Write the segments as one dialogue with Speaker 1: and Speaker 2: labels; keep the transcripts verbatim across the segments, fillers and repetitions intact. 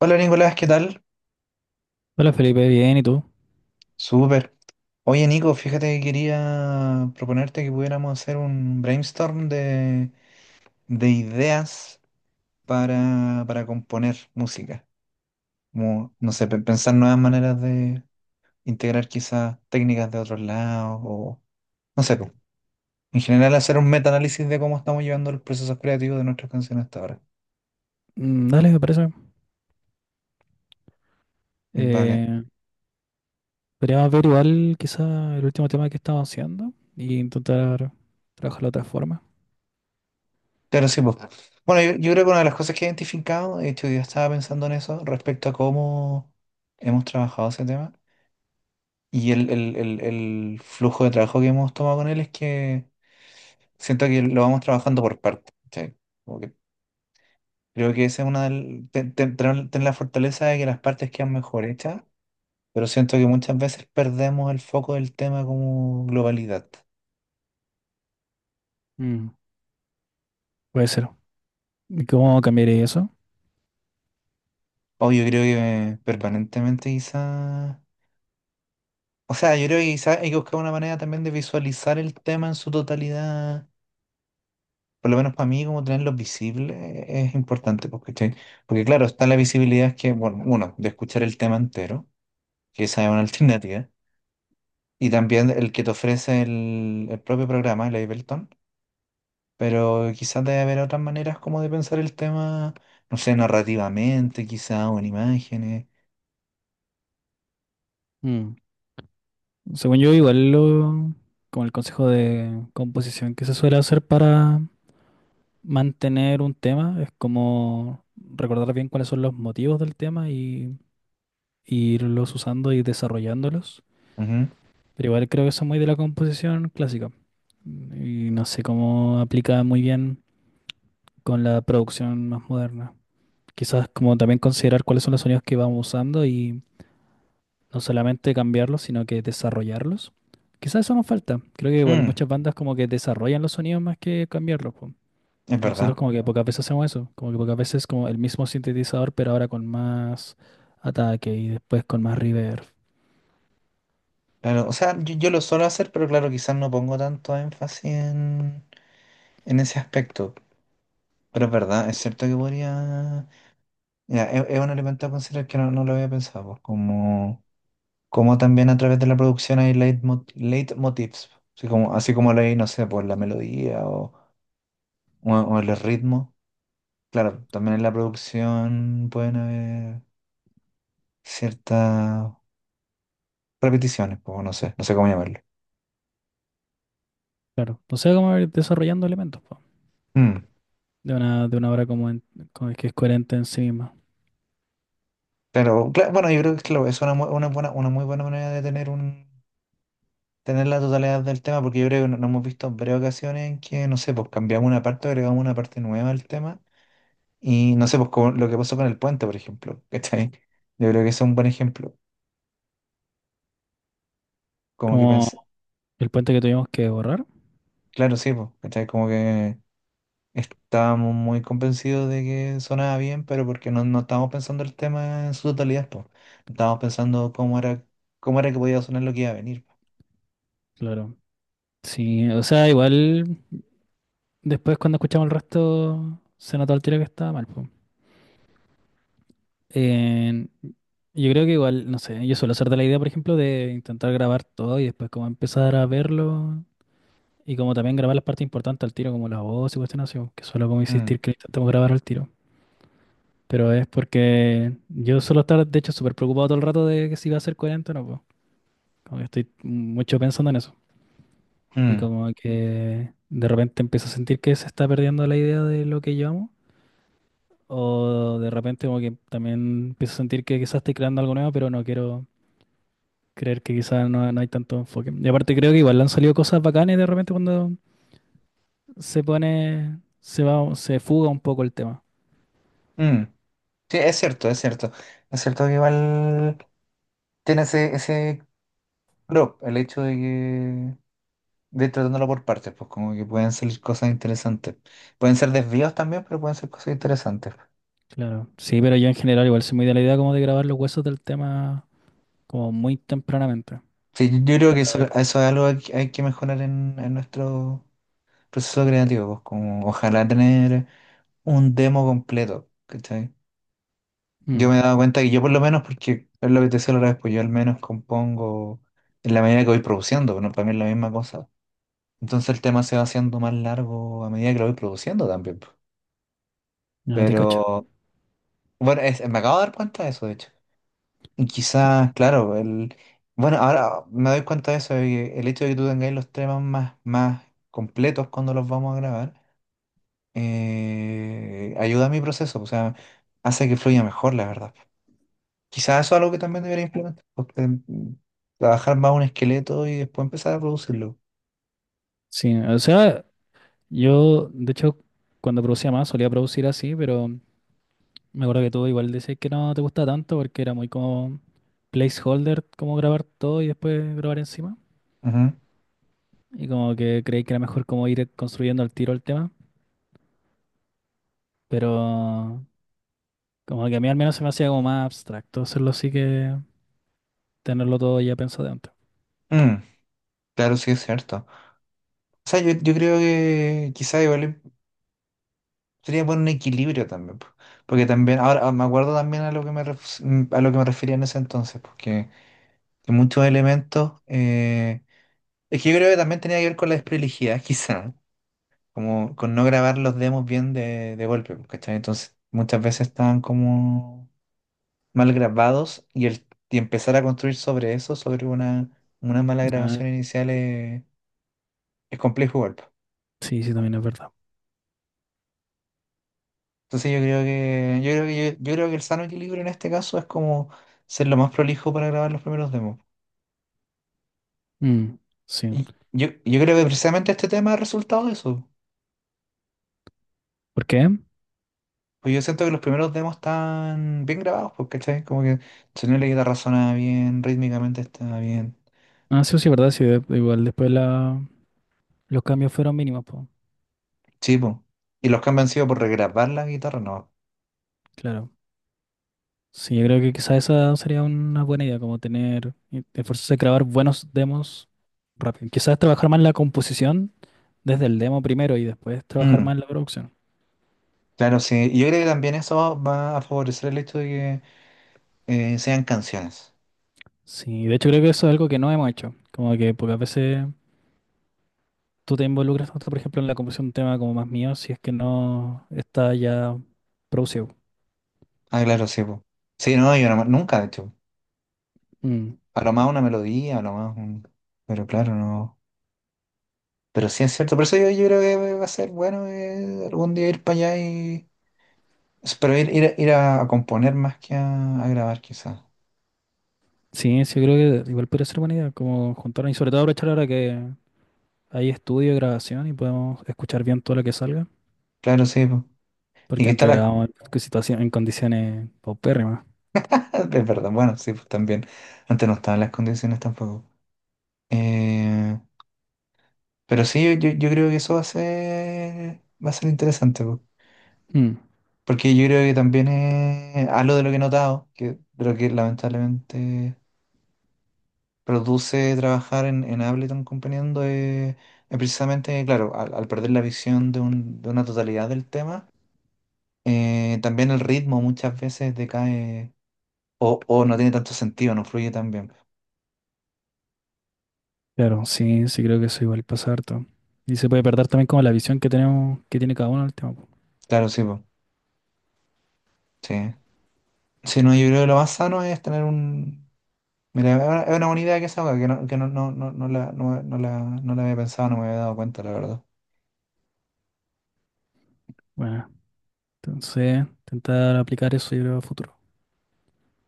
Speaker 1: Hola Nicolás, ¿qué tal?
Speaker 2: Hola Felipe, bien, ¿y tú?
Speaker 1: Súper. Oye Nico, fíjate que quería proponerte que pudiéramos hacer un brainstorm de, de ideas para, para componer música. Como, no sé, pe- pensar nuevas maneras de integrar quizás técnicas de otros lados o, no sé, pues, en general hacer un metaanálisis de cómo estamos llevando los procesos creativos de nuestras canciones hasta ahora.
Speaker 2: Mm. Dale, me parece.
Speaker 1: Vale.
Speaker 2: Eh, Podríamos ver igual quizá el último tema que estamos haciendo y intentar trabajarlo de otra forma.
Speaker 1: Claro, sí, pues. Bueno, yo, yo creo que una de las cosas que he identificado, de hecho, yo estaba pensando en eso respecto a cómo hemos trabajado ese tema. Y el, el- el- el flujo de trabajo que hemos tomado con él es que siento que lo vamos trabajando por partes. ¿Cachai? Como que creo que esa es una del- te- te- tener tener la fortaleza de que las partes quedan mejor hechas, pero siento que muchas veces perdemos el foco del tema como globalidad.
Speaker 2: Mm, Puede ser. ¿Y cómo cambiaría eso?
Speaker 1: O yo creo que permanentemente quizá. O sea, yo creo que quizá hay que buscar una manera también de visualizar el tema en su totalidad, por lo menos para mí, como tenerlos visibles es importante, pues, ¿cachai? Porque claro, está la visibilidad que, bueno, uno, de escuchar el tema entero, que esa es una alternativa, y también el que te ofrece el, el propio programa, el Ableton, pero quizás debe haber otras maneras como de pensar el tema, no sé, narrativamente, quizás, o en imágenes.
Speaker 2: Mm, Según yo, igual lo, como el consejo de composición que se suele hacer para mantener un tema es como recordar bien cuáles son los motivos del tema y, y irlos usando y desarrollándolos.
Speaker 1: Ujú.
Speaker 2: Pero igual creo que eso es muy de la composición clásica. Y no sé cómo aplica muy bien con la producción más moderna. Quizás como también considerar cuáles son los sonidos que vamos usando y no solamente cambiarlos, sino que desarrollarlos. Quizás eso nos falta. Creo que igual
Speaker 1: Mm,
Speaker 2: muchas bandas como que desarrollan los sonidos más que cambiarlos, po.
Speaker 1: es verdad.
Speaker 2: Nosotros como que pocas veces hacemos eso. Como que pocas veces como el mismo sintetizador, pero ahora con más ataque y después con más reverb.
Speaker 1: Claro, o sea, yo, yo lo suelo hacer, pero claro, quizás no pongo tanto énfasis en, en ese aspecto. Pero es verdad, es cierto que podría... Ya, es, es un elemento a considerar que no, no lo había pensado, pues, como, como también a través de la producción hay leitmo- leitmotivs, así como, así como lo hay, no sé, por la melodía o, o, o el ritmo. Claro, también en la producción pueden haber ciertas repeticiones, pues, no sé, no sé cómo llamarlo.
Speaker 2: Claro. O sea, como ir desarrollando elementos, po.
Speaker 1: Mm.
Speaker 2: De una, de una obra como, en- como que es coherente en sí misma.
Speaker 1: Pero cla- bueno, yo creo que claro, es una, mu- una buena, una muy buena manera de tener un tener la totalidad del tema, porque yo creo que no, no hemos visto varias ocasiones en que, no sé, pues cambiamos una parte, agregamos una parte nueva al tema. Y no sé, pues como lo que pasó con el puente, por ejemplo, ¿cachai? Yo creo que ese es un buen ejemplo. Como que
Speaker 2: Como
Speaker 1: pensé,
Speaker 2: el puente que tuvimos que borrar,
Speaker 1: claro, sí, pues, ¿cachai? Como que estábamos muy convencidos de que sonaba bien, pero porque no, no estábamos pensando el tema en su totalidad, pues. No estábamos pensando cómo era, cómo era que podía sonar lo que iba a venir, po.
Speaker 2: claro. Sí, o sea, igual después cuando escuchamos el resto se notó al tiro que estaba mal, po. Eh, yo creo que igual, no sé, yo suelo ser de la idea, por ejemplo, de intentar grabar todo y después como empezar a verlo y como también grabar las partes importantes al tiro, como la voz y cuestiones así, que suelo como
Speaker 1: Mm,
Speaker 2: insistir que intentamos grabar al tiro. Pero es porque yo suelo estar, de hecho, súper preocupado todo el rato de que si va a ser coherente o no, po. Como que estoy mucho pensando en eso. Y
Speaker 1: mm,
Speaker 2: como que de repente empiezo a sentir que se está perdiendo la idea de lo que yo amo. O de repente como que también empiezo a sentir que quizás estoy creando algo nuevo, pero no quiero creer que quizás no, no hay tanto enfoque. Y aparte creo que igual le han salido cosas bacanas de repente cuando se pone, se va, se fuga un poco el tema.
Speaker 1: mm. Sí, es cierto, es cierto. Es cierto que igual tiene ese, ese prop, el hecho de que de ir tratándolo por partes, pues como que pueden salir cosas interesantes. Pueden ser desvíos también, pero pueden ser cosas interesantes.
Speaker 2: Claro. Sí, pero yo en general igual soy muy de la idea como de grabar los huesos del tema como muy tempranamente.
Speaker 1: Sí, yo yo creo que eso,
Speaker 2: Ah, de-
Speaker 1: eso es algo que hay que mejorar en, en nuestro proceso creativo, pues como ojalá tener un demo completo, ¿cachai? Yo
Speaker 2: Mm,
Speaker 1: me he dado cuenta que yo por lo menos, porque es lo que te decía la otra vez, pues yo al menos compongo en la medida que voy produciendo, pero no para mí es la misma cosa. Entonces el tema se va haciendo más largo a medida que lo voy produciendo también, pues.
Speaker 2: ya te cacho.
Speaker 1: Pero bueno, es- me acabo de dar cuenta de eso, de hecho. Y quizás, claro, el, bueno, ahora me doy cuenta de eso, de que el hecho de que tú tengáis los temas más, más completos cuando los vamos a grabar, eh, ayuda a mi proceso, o sea, hace que fluya mejor, la verdad. Quizás eso es algo que también debería implementar, porque, mm, trabajar más un esqueleto y después empezar a producirlo.
Speaker 2: Sí, o sea, yo, de hecho, cuando producía más, solía producir así, pero me acuerdo que tú igual decías que no te gusta tanto porque era muy como placeholder, como grabar todo y después grabar encima.
Speaker 1: Ujú.
Speaker 2: Y como que creí que era mejor como ir construyendo al tiro el tema, pero como que a mí al menos se me hacía como más abstracto hacerlo así que tenerlo todo ya pensado de antes.
Speaker 1: Mm, claro, sí es cierto. O sea, yo, yo creo que quizás igual sería poner un equilibrio también, po. Porque también, ahora ah, me acuerdo también a lo que me, ref- mm, a lo que me refería en ese entonces, porque... que muchos elementos. Eh, es que yo creo que también tenía que ver con la desprolijidad, quizá, como con no grabar los demos bien de, de golpe, pues, ¿cachai? Entonces, muchas veces estaban como mal grabados y, el, y empezar a construir sobre eso, sobre una, una mala
Speaker 2: Ah,
Speaker 1: grabación inicial, eh, es complejo igual, pues.
Speaker 2: sí, sí, también es verdad.
Speaker 1: Entonces, yo creo que, yo creo que, yo, yo creo que el sano equilibrio en este caso es como ser lo más prolijo para grabar los primeros demos.
Speaker 2: Mm, sí.
Speaker 1: Y yo, yo creo que precisamente este tema ha resultado de eso.
Speaker 2: ¿Por qué?
Speaker 1: Pues yo siento que los primeros demos están bien grabados, pues, ¿cachai? Como que el sonido la guitarra suena bien, rítmicamente está bien.
Speaker 2: Ah, sí, sí, es verdad, sí, de- igual después la, los cambios fueron mínimos, pues,
Speaker 1: Sí, pues. Y los cambios han sido por regrabar la guitarra, no.
Speaker 2: claro. Sí, yo creo que quizá esa sería una buena idea, como tener, eh, esforzarse a grabar buenos demos rápido. Quizás trabajar más la composición desde el demo primero y después trabajar más
Speaker 1: Mm,
Speaker 2: en la producción.
Speaker 1: claro, sí. Y yo creo que también eso va a favorecer el hecho de que eh, sean canciones.
Speaker 2: Sí, de hecho creo que eso es algo que no hemos hecho, como que pocas veces tú te involucras tanto, por ejemplo, en la composición de un tema como más mío, si es que no está ya producido.
Speaker 1: Ah, claro, sí, pues. Sí, no, yo no- nunca, de hecho.
Speaker 2: Mm.
Speaker 1: A lo más una melodía, a lo más un... Pero claro, no. Pero sí es cierto. Por eso yo, yo creo que va a ser bueno eh, algún día ir para allá y... Pero ir, ir, a- ir a componer más que a, a grabar, quizás.
Speaker 2: Sí, sí, yo creo que igual podría ser buena idea, como juntarnos y sobre todo aprovechar ahora que hay estudio y grabación y podemos escuchar bien todo lo que salga.
Speaker 1: Claro, sí, po. Y
Speaker 2: Porque
Speaker 1: que está
Speaker 2: antes
Speaker 1: la...
Speaker 2: grabábamos en situación, en condiciones paupérrimas.
Speaker 1: Es verdad, bueno, sí, pues también. Antes no estaban las condiciones tampoco. Eh, pero sí, yo, yo- yo creo que eso va a ser, va a ser interesante, po.
Speaker 2: Mm.
Speaker 1: Porque yo creo que también es algo de lo que he notado, que, de lo que lamentablemente produce trabajar en, en Ableton componiendo, eh, es precisamente, claro, al, al perder la visión de, un- de una totalidad del tema, eh, también el ritmo muchas veces decae o, o no tiene tanto sentido, no fluye tan bien.
Speaker 2: Claro, sí, sí creo que eso igual pasa harto. Y se puede perder también como la visión que tenemos, que tiene cada uno del tema, po.
Speaker 1: Claro, sí, po. Sí. Sí, no, yo creo que lo más sano es tener un... Mira, es una, es una buena idea que esa, que no, que no, no, no, no la, no, no la, no la había pensado, no me había dado cuenta, la verdad.
Speaker 2: Bueno, entonces, intentar aplicar eso yo creo a futuro.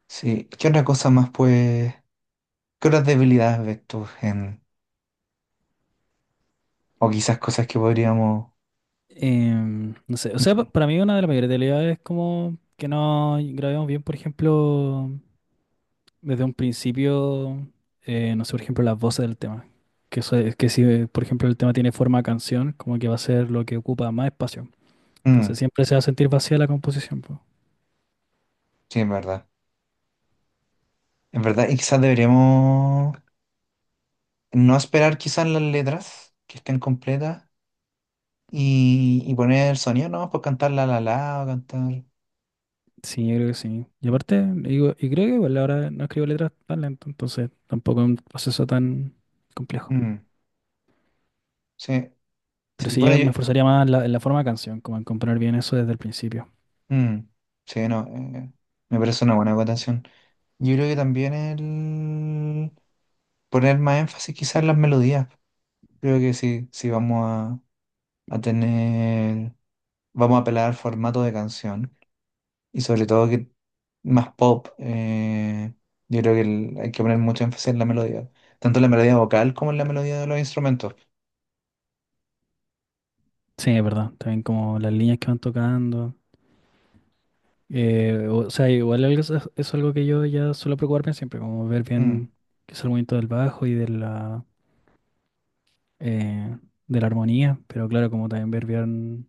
Speaker 1: Sí, ¿qué otra cosa más, pues? ¿Qué otras debilidades ves tú en... o quizás cosas que podríamos...?
Speaker 2: Em, no sé, o sea, pa- para mí una de las mayores debilidades es como que no grabemos bien, por ejemplo, desde un principio, eh, no sé, por ejemplo, las voces del tema. Que eso es que si, eh, por ejemplo, el tema tiene forma de canción, como que va a ser lo que ocupa más espacio.
Speaker 1: Mm,
Speaker 2: Entonces siempre se va a sentir vacía la composición, pues.
Speaker 1: sí, en verdad. En verdad, y quizás deberíamos no esperar quizás las letras que estén completas y, y poner el sonido, ¿no? Por cantar la la la o cantar...
Speaker 2: Sí, yo creo que sí. Y aparte, digo, y creo que igual ahora no escribo letras tan lento, entonces tampoco es un proceso tan complejo.
Speaker 1: Mm, sí,
Speaker 2: Pero
Speaker 1: sí.
Speaker 2: sí,
Speaker 1: Bueno,
Speaker 2: yo me
Speaker 1: yo,
Speaker 2: esforzaría más en la, en la forma de canción, como en componer bien eso desde el principio.
Speaker 1: mm, sí, no, eh, me parece una buena acotación. Yo creo que también el poner más énfasis quizás en las melodías. Creo que sí, sí vamos a, a tener, vamos a apelar al formato de canción y sobre todo que más pop. Eh, yo creo que el- hay que poner mucho énfasis en la melodía, tanto en la melodía vocal como en la melodía de los instrumentos.
Speaker 2: Sí, es verdad. También como las líneas que van tocando. Eh, o, sea, igual algo es, es algo que yo ya suelo preocuparme siempre, como ver
Speaker 1: Mm,
Speaker 2: bien qué es el movimiento del bajo y de la, eh, de la armonía. Pero claro, como también ver bien,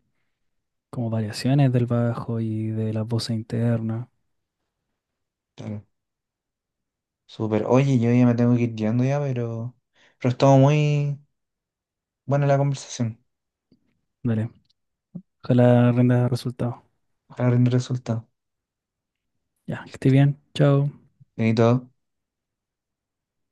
Speaker 2: como variaciones del bajo y de la voz interna.
Speaker 1: claro, súper. Oye, yo ya me tengo que ir yendo ya, pero, pero estuvo muy buena la conversación.
Speaker 2: Dale, ojalá rinda resultado.
Speaker 1: Ojalá rinde resultado.
Speaker 2: Ya, que esté bien, chao.
Speaker 1: Bien, ¿todo?